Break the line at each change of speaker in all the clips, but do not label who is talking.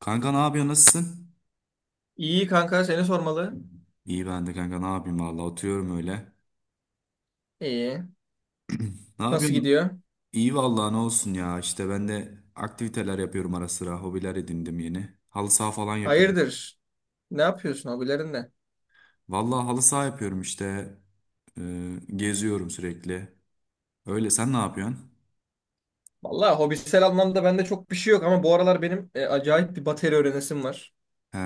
Kanka, ne yapıyorsun? Nasılsın?
İyi kanka seni sormalı.
İyi ben de kanka, ne yapayım, valla oturuyorum öyle.
İyi.
Ne
Nasıl
yapıyorsun?
gidiyor?
İyi valla, ne olsun ya, işte ben de aktiviteler yapıyorum, ara sıra hobiler edindim yeni. Halı saha falan yapıyorum.
Hayırdır? Ne yapıyorsun hobilerinde?
Valla halı saha yapıyorum işte. Geziyorum sürekli. Öyle, sen ne yapıyorsun?
Vallahi hobisel anlamda bende çok bir şey yok ama bu aralar benim acayip bir bateri öğrenesim var.
He,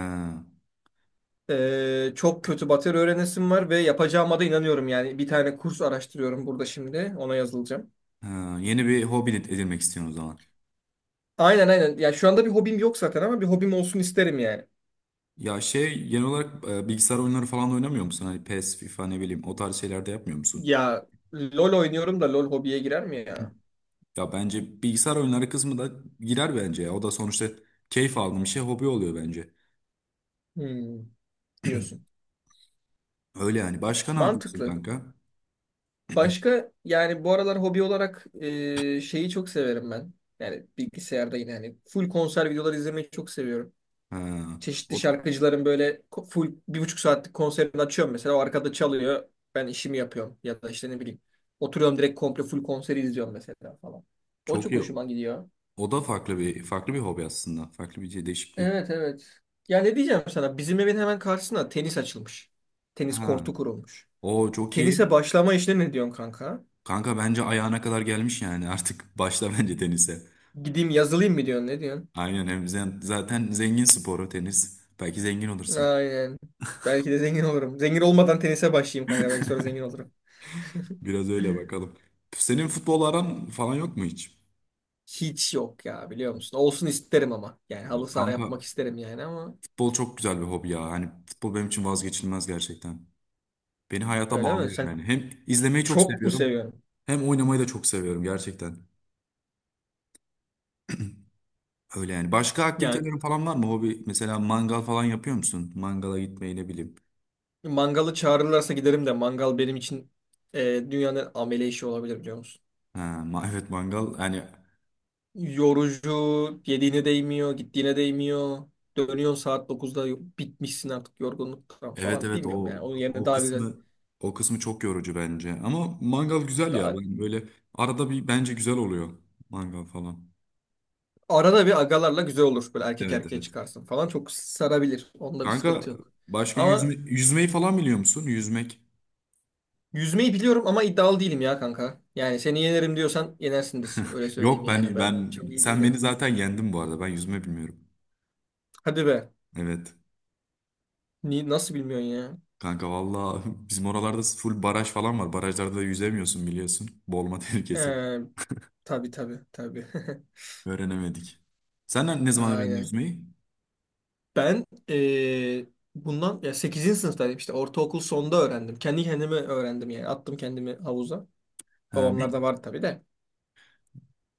Çok kötü bateri öğrenesim var ve yapacağıma da inanıyorum yani. Bir tane kurs araştırıyorum burada şimdi. Ona yazılacağım.
he, yeni bir hobi edinmek istiyorsun o zaman.
Aynen, aynen. Ya şu anda bir hobim yok zaten ama bir hobim olsun isterim yani.
Ya şey, genel olarak bilgisayar oyunları falan da oynamıyor musun? Hani PES, FIFA, ne bileyim, o tarz şeyler de yapmıyor musun?
Ya LOL oynuyorum da LOL hobiye girer mi ya?
Ya bence bilgisayar oyunları kısmı da girer bence ya. O da sonuçta keyif aldığım bir şey, hobi oluyor bence.
Hmm, diyorsun.
Öyle yani. Başka ne yapıyorsun
Mantıklı.
kanka?
Başka yani bu aralar hobi olarak şeyi çok severim ben. Yani bilgisayarda yine hani full konser videoları izlemeyi çok seviyorum.
Ha,
Çeşitli
o da-
şarkıcıların böyle full 1,5 saatlik konserini açıyorum mesela. O arkada çalıyor. Ben işimi yapıyorum. Ya da işte ne bileyim. Oturuyorum, direkt komple full konseri izliyorum mesela falan. O
çok
çok
iyi.
hoşuma gidiyor.
O da farklı bir hobi aslında. Farklı bir şey, değişikliği.
Evet, evet. Ya ne diyeceğim sana? Bizim evin hemen karşısına tenis açılmış. Tenis
Ha.
kortu kurulmuş.
O çok iyi.
Tenise başlama işine ne diyorsun kanka?
Kanka bence ayağına kadar gelmiş yani. Artık başla bence tenise.
Gideyim yazılayım mı diyorsun? Ne diyorsun?
Aynen, hem zaten zengin sporu tenis. Belki zengin olursun.
Aynen. Belki de zengin olurum. Zengin olmadan tenise başlayayım kanka. Belki sonra zengin olurum.
Biraz öyle bakalım. Senin futbol aran falan yok mu hiç?
Hiç yok ya, biliyor musun? Olsun isterim ama. Yani halı saha
Kanka,
yapmak isterim yani ama
futbol çok güzel bir hobi ya. Hani futbol benim için vazgeçilmez gerçekten. Beni hayata
öyle mi?
bağlıyor
Sen
yani. Hem izlemeyi çok
çok mu
seviyorum,
seviyorsun?
hem oynamayı da çok seviyorum gerçekten. Öyle yani. Başka
Yani
aktivitelerin falan var mı hobi? Mesela mangal falan yapıyor musun? Mangala gitmeyi, ne bileyim.
mangalı çağırırlarsa giderim de mangal benim için dünyanın amele işi olabilir, biliyor musun?
Ha, evet, mangal. Yani
Yorucu, yediğine değmiyor, gittiğine değmiyor. Dönüyorsun saat 9'da, bitmişsin artık yorgunluktan
evet,
falan,
evet,
bilmiyorum yani.
o
Onun yerine
o
daha güzel.
kısmı o kısmı çok yorucu bence. Ama mangal güzel ya.
daha
Ben böyle arada bir, bence güzel oluyor mangal falan.
Arada bir agalarla güzel olur. Böyle erkek
Evet,
erkeğe
evet.
çıkarsın falan. Çok sarabilir. Onda bir
Kanka,
sıkıntı yok.
başka yüzme,
Ama
yüzmeyi falan biliyor musun? Yüzmek.
yüzmeyi biliyorum ama iddialı değilim ya kanka. Yani seni yenerim diyorsan yenersindir. Öyle söyleyeyim
Yok,
yani.
ben
Ben
ben
çok iyi
sen beni
değilim.
zaten yendin bu arada. Ben yüzme bilmiyorum.
Hadi be.
Evet.
Nasıl bilmiyorsun ya?
Kanka, valla, bizim oralarda full baraj falan var. Barajlarda da yüzemiyorsun biliyorsun. Boğulma tehlikesi var.
Ee, tabii, tabii, tabii.
Öğrenemedik. Sen ne zaman öğrendin
Aynen.
yüzmeyi?
Ben bundan ya 8. sınıftaydım işte, ortaokul sonda öğrendim. Kendi kendime öğrendim yani. Attım kendimi havuza.
Ha,
Babamlar da vardı tabii de.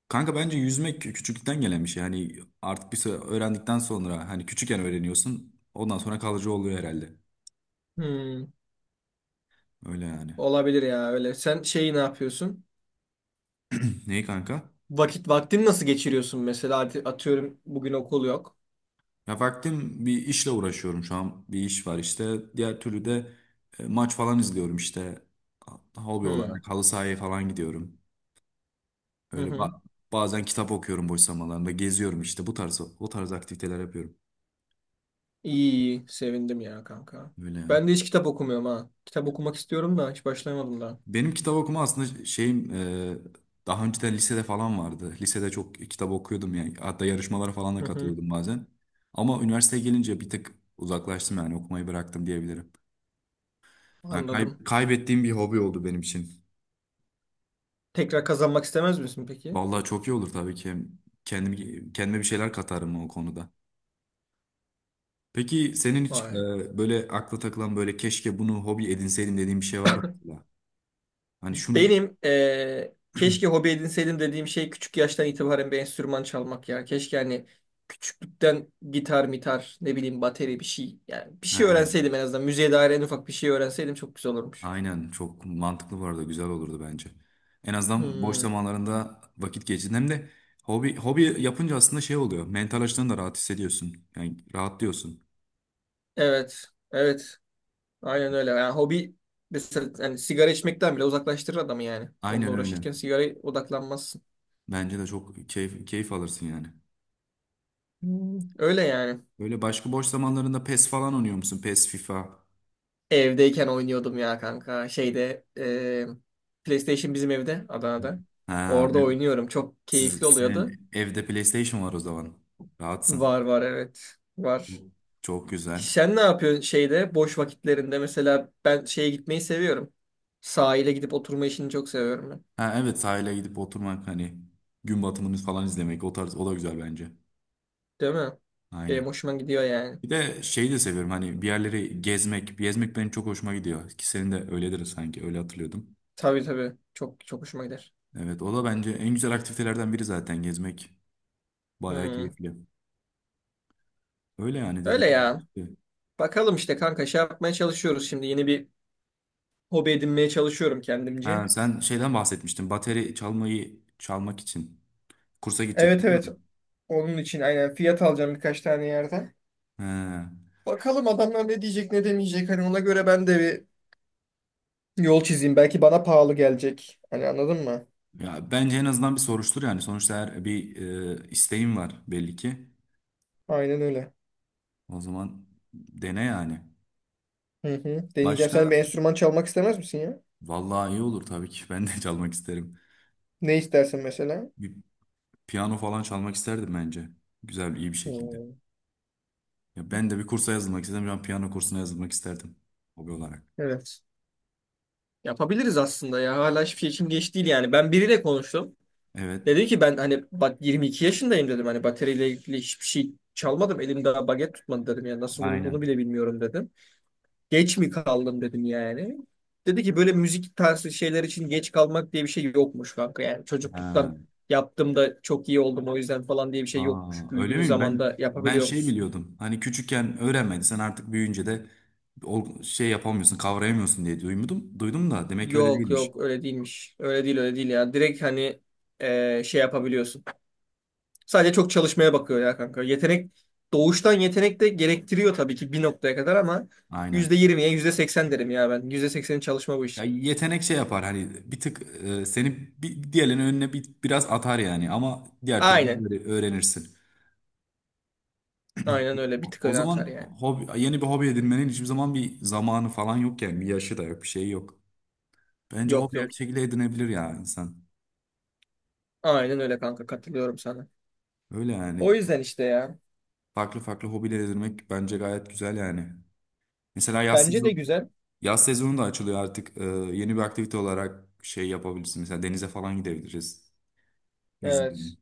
kanka bence yüzmek küçüklükten gelen bir şey. Yani artık bir süre öğrendikten sonra, hani küçükken öğreniyorsun. Ondan sonra kalıcı oluyor herhalde.
Hmm,
Öyle yani.
Olabilir ya öyle. Sen şeyi ne yapıyorsun?
Neyi kanka?
Vaktini nasıl geçiriyorsun mesela? Atıyorum bugün okul yok.
Ya vaktim, bir işle uğraşıyorum şu an. Bir iş var işte. Diğer türlü de maç falan izliyorum işte. Hobi
Hmm.
olarak halı sahaya falan gidiyorum.
Hı
Öyle
hı.
bazen kitap okuyorum boş zamanlarında. Geziyorum işte, bu tarz o tarz aktiviteler yapıyorum.
İyi, iyi. Sevindim ya kanka.
Öyle yani.
Ben de hiç kitap okumuyorum ha. Kitap okumak istiyorum da hiç başlayamadım daha.
Benim kitap okuma aslında şeyim, daha önceden lisede falan vardı. Lisede çok kitap okuyordum yani. Hatta yarışmalara falan da
Hı hı.
katılıyordum bazen. Ama üniversiteye gelince bir tık uzaklaştım, yani okumayı bıraktım diyebilirim. Yani
Anladım.
kaybettiğim bir hobi oldu benim için.
Tekrar kazanmak istemez misin peki?
Vallahi çok iyi olur tabii ki. Hem kendimi, kendime bir şeyler katarım o konuda. Peki senin hiç
Vay.
böyle akla takılan, böyle keşke bunu hobi edinseydim dediğin bir şey var mı, mesela? Hani şunu.
Benim keşke hobi edinseydim dediğim şey küçük yaştan itibaren bir enstrüman çalmak ya. Keşke hani küçüklükten gitar, mitar, ne bileyim bateri bir şey. Yani bir şey
Ha,
öğrenseydim en azından. Müziğe dair en ufak bir şey öğrenseydim çok güzel olurmuş.
aynen, çok mantıklı bu arada, güzel olurdu bence. En azından boş
Hmm.
zamanlarında vakit geçirdin. Hem de hobi yapınca aslında şey oluyor. Mental açıdan da rahat hissediyorsun. Yani rahatlıyorsun.
Evet. Evet. Aynen öyle. Yani hobi, mesela yani sigara içmekten bile uzaklaştırır adamı yani. Onunla
Aynen öyle.
uğraşırken sigaraya odaklanmazsın.
Bence de çok keyif alırsın yani.
Hmm. Öyle yani.
Böyle başka boş zamanlarında PES falan oynuyor musun? PES, FIFA.
Evdeyken oynuyordum ya kanka. Şeyde PlayStation bizim evde Adana'da.
Ha,
Orada oynuyorum. Çok keyifli oluyordu.
Senin evde PlayStation var o zaman. Rahatsın.
Var, var, evet. Var.
Çok güzel.
Sen ne yapıyorsun şeyde boş vakitlerinde? Mesela ben şeye gitmeyi seviyorum. Sahile gidip oturma işini çok seviyorum ben.
Ha, evet, sahile gidip oturmak, hani gün batımını falan izlemek, o tarz, o da güzel bence.
Değil mi? Benim
Aynen.
hoşuma gidiyor yani.
Bir de şeyi de seviyorum, hani bir yerleri gezmek. Gezmek benim çok hoşuma gidiyor. Ki senin de öyledir sanki, öyle hatırlıyordum.
Tabii, tabii. Çok çok hoşuma gider.
Evet, o da bence en güzel aktivitelerden biri zaten gezmek. Bayağı
Hmm.
keyifli. Öyle yani, dediğim
Öyle
gibi,
ya.
işte.
Bakalım işte kanka, şey yapmaya çalışıyoruz şimdi. Yeni bir hobi edinmeye çalışıyorum kendimce.
Ha, sen şeyden bahsetmiştin. Bateri çalmak için kursa
Evet,
gidecektin değil
evet.
mi?
Onun için aynen fiyat alacağım birkaç tane yerden.
He.
Bakalım adamlar ne diyecek, ne demeyecek. Hani ona göre ben de bir yol çizeyim. Belki bana pahalı gelecek. Hani anladın mı?
Ya bence en azından bir soruştur yani. Sonuçta her bir isteğim var belli ki.
Aynen öyle.
O zaman dene yani.
Hı hı. Deneyeceğim. Sen
Başka
bir enstrüman çalmak istemez misin ya?
vallahi iyi olur tabii ki. Ben de çalmak isterim.
Ne istersin mesela?
Bir piyano falan çalmak isterdim bence. Güzel, iyi bir şekilde.
Hmm.
Ya ben de bir kursa yazılmak istedim. Ben piyano kursuna yazılmak isterdim hobi olarak.
Evet. Yapabiliriz aslında ya. Hala hiçbir şey için geç değil yani. Ben biriyle konuştum.
Evet,
Dedi ki, ben hani, bak 22 yaşındayım dedim. Hani bataryayla ilgili hiçbir şey çalmadım, elimde baget tutmadı dedim. Yani nasıl vurulduğunu
aynen.
bile bilmiyorum dedim. Geç mi kaldım dedim yani. Dedi ki, böyle müzik tarzı şeyler için geç kalmak diye bir şey yokmuş kanka. Yani çocukluktan
Ha.
yaptığımda çok iyi oldum o yüzden falan diye bir şey yokmuş.
Aa, öyle
Büyüdüğün
miyim?
zaman
Ben
da
ben
yapabiliyor
şey
musun?
biliyordum. Hani küçükken öğrenmedin, sen artık büyüyünce de şey yapamıyorsun, kavrayamıyorsun diye duydum. Duydum da demek ki öyle
Yok,
değilmiş.
yok, öyle değilmiş. Öyle değil, öyle değil ya. Direkt hani şey yapabiliyorsun. Sadece çok çalışmaya bakıyor ya kanka. Doğuştan yetenek de gerektiriyor tabii ki bir noktaya kadar ama
Aynen.
%20'ye %80 derim ya ben. %80'in çalışma bu
Ya
iş.
yetenek şey yapar, hani bir tık seni bir, diğerlerinin önüne bir, biraz atar yani, ama diğer türlü
Aynen.
öğrenirsin.
Aynen öyle. Bir tık
O
öne
zaman
atar yani.
yeni bir hobi edinmenin hiçbir zaman bir zamanı falan yok yani, bir yaşı da yok, bir şey yok. Bence
Yok,
hobi her
yok.
şekilde edinebilir ya insan.
Aynen öyle kanka. Katılıyorum sana.
Öyle yani,
O yüzden işte ya.
farklı farklı hobiler edinmek bence gayet güzel yani. Mesela yaz
Bence de
sezonu,
güzel.
yaz sezonu da açılıyor artık. Yeni bir aktivite olarak şey yapabilirsin. Mesela denize falan gidebiliriz. Yüzme.
Evet.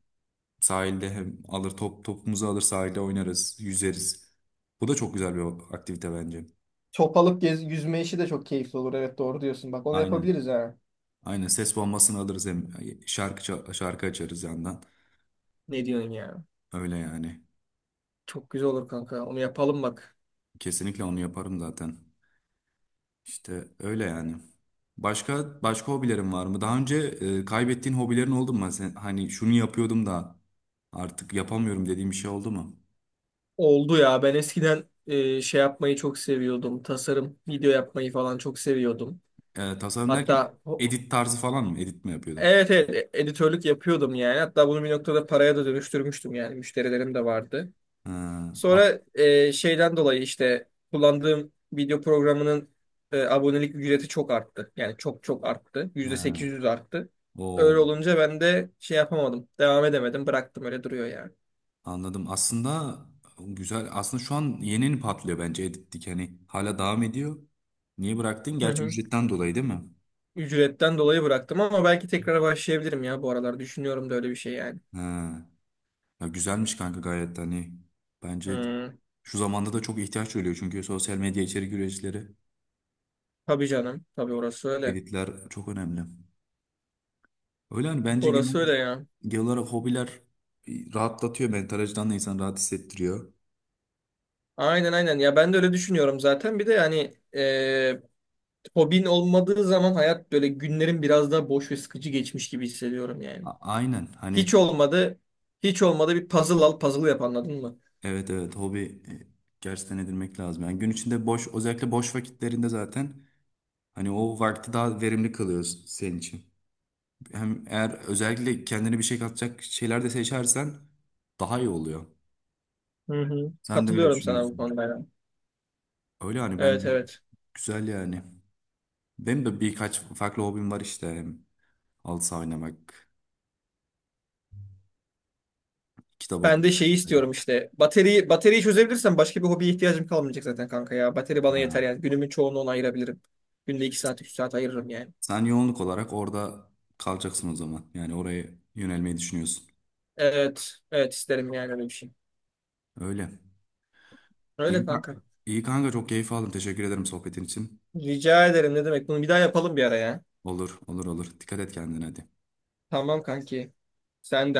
Sahilde hem alır top topumuzu alır sahilde oynarız, yüzeriz. Bu da çok güzel bir aktivite bence.
Çopalık gez, yüzme işi de çok keyifli olur. Evet, doğru diyorsun. Bak, onu
Aynen.
yapabiliriz ha.
Aynen, ses bombasını alırız, hem şarkı açarız yandan.
Ne diyorsun ya?
Öyle yani.
Çok güzel olur kanka. Onu yapalım bak.
Kesinlikle onu yaparım zaten. İşte öyle yani. Başka başka hobilerin var mı? Daha önce kaybettiğin hobilerin oldu mu? Hani şunu yapıyordum da artık yapamıyorum dediğim bir şey oldu mu?
Oldu ya. Ben eskiden şey yapmayı çok seviyordum. Tasarım, video yapmayı falan çok seviyordum.
Tasarım derken
Hatta
edit tarzı falan mı? Edit mi yapıyordun?
evet, evet, editörlük yapıyordum yani. Hatta bunu bir noktada paraya da dönüştürmüştüm yani. Müşterilerim de vardı.
Ha,
Sonra şeyden dolayı işte kullandığım video programının abonelik ücreti çok arttı. Yani çok çok arttı.
ha.
%800 arttı. Öyle
Oo.
olunca ben de şey yapamadım. Devam edemedim. Bıraktım, öyle duruyor yani.
Anladım. Aslında güzel. Aslında şu an yeni yeni patlıyor bence Edit'lik. Hani hala devam ediyor. Niye bıraktın?
Hı
Gerçi
hı.
ücretten dolayı değil mi?
Ücretten dolayı bıraktım ama belki tekrar başlayabilirim ya bu aralar. Düşünüyorum da öyle bir şey yani.
He. Ya güzelmiş kanka, gayet de hani. Bence
Hmm.
şu zamanda da çok ihtiyaç duyuluyor, çünkü sosyal medya içerik üreticileri,
Tabii canım. Tabii orası öyle.
editler çok önemli. Öyle hani bence genel
Orası öyle
olarak,
ya.
genel olarak hobiler rahatlatıyor. Mental açıdan da insanı rahat hissettiriyor.
Aynen, aynen. Ya ben de öyle düşünüyorum zaten. Bir de yani hobin olmadığı zaman hayat böyle, günlerin biraz daha boş ve sıkıcı geçmiş gibi hissediyorum yani.
Aynen.
Hiç
Hani
olmadı. Hiç olmadı, bir puzzle al, puzzle yap, anladın mı?
evet, evet, hobi e, gerçekten edinmek lazım. Yani gün içinde özellikle boş vakitlerinde zaten, hani o vakti daha verimli kalıyor senin için. Hem eğer özellikle kendine bir şey katacak şeyler de seçersen daha iyi oluyor.
Hı hı.
Sen de öyle
Katılıyorum sana bu
düşünüyorsundur.
konuda ya.
Öyle hani
Evet,
bence
evet.
güzel yani. Benim de birkaç farklı hobim var işte. Halı saha oynamak, kitap
Ben de
okumak.
şeyi istiyorum işte. Bateriyi çözebilirsem başka bir hobiye ihtiyacım kalmayacak zaten kanka ya. Bateri bana yeter
Ha.
yani. Günümün çoğunu ona ayırabilirim. Günde 2 saat, 3 saat ayırırım yani.
Sen yoğunluk olarak orada kalacaksın o zaman. Yani oraya yönelmeyi düşünüyorsun.
Evet. Evet, isterim yani öyle bir şey.
Öyle.
Öyle
İyi,
kanka.
iyi kanka, çok keyif aldım. Teşekkür ederim sohbetin için.
Rica ederim, ne demek. Bunu bir daha yapalım bir ara ya.
Olur, olur, olur. Dikkat et kendine, hadi.
Tamam kanki. Sen de hadi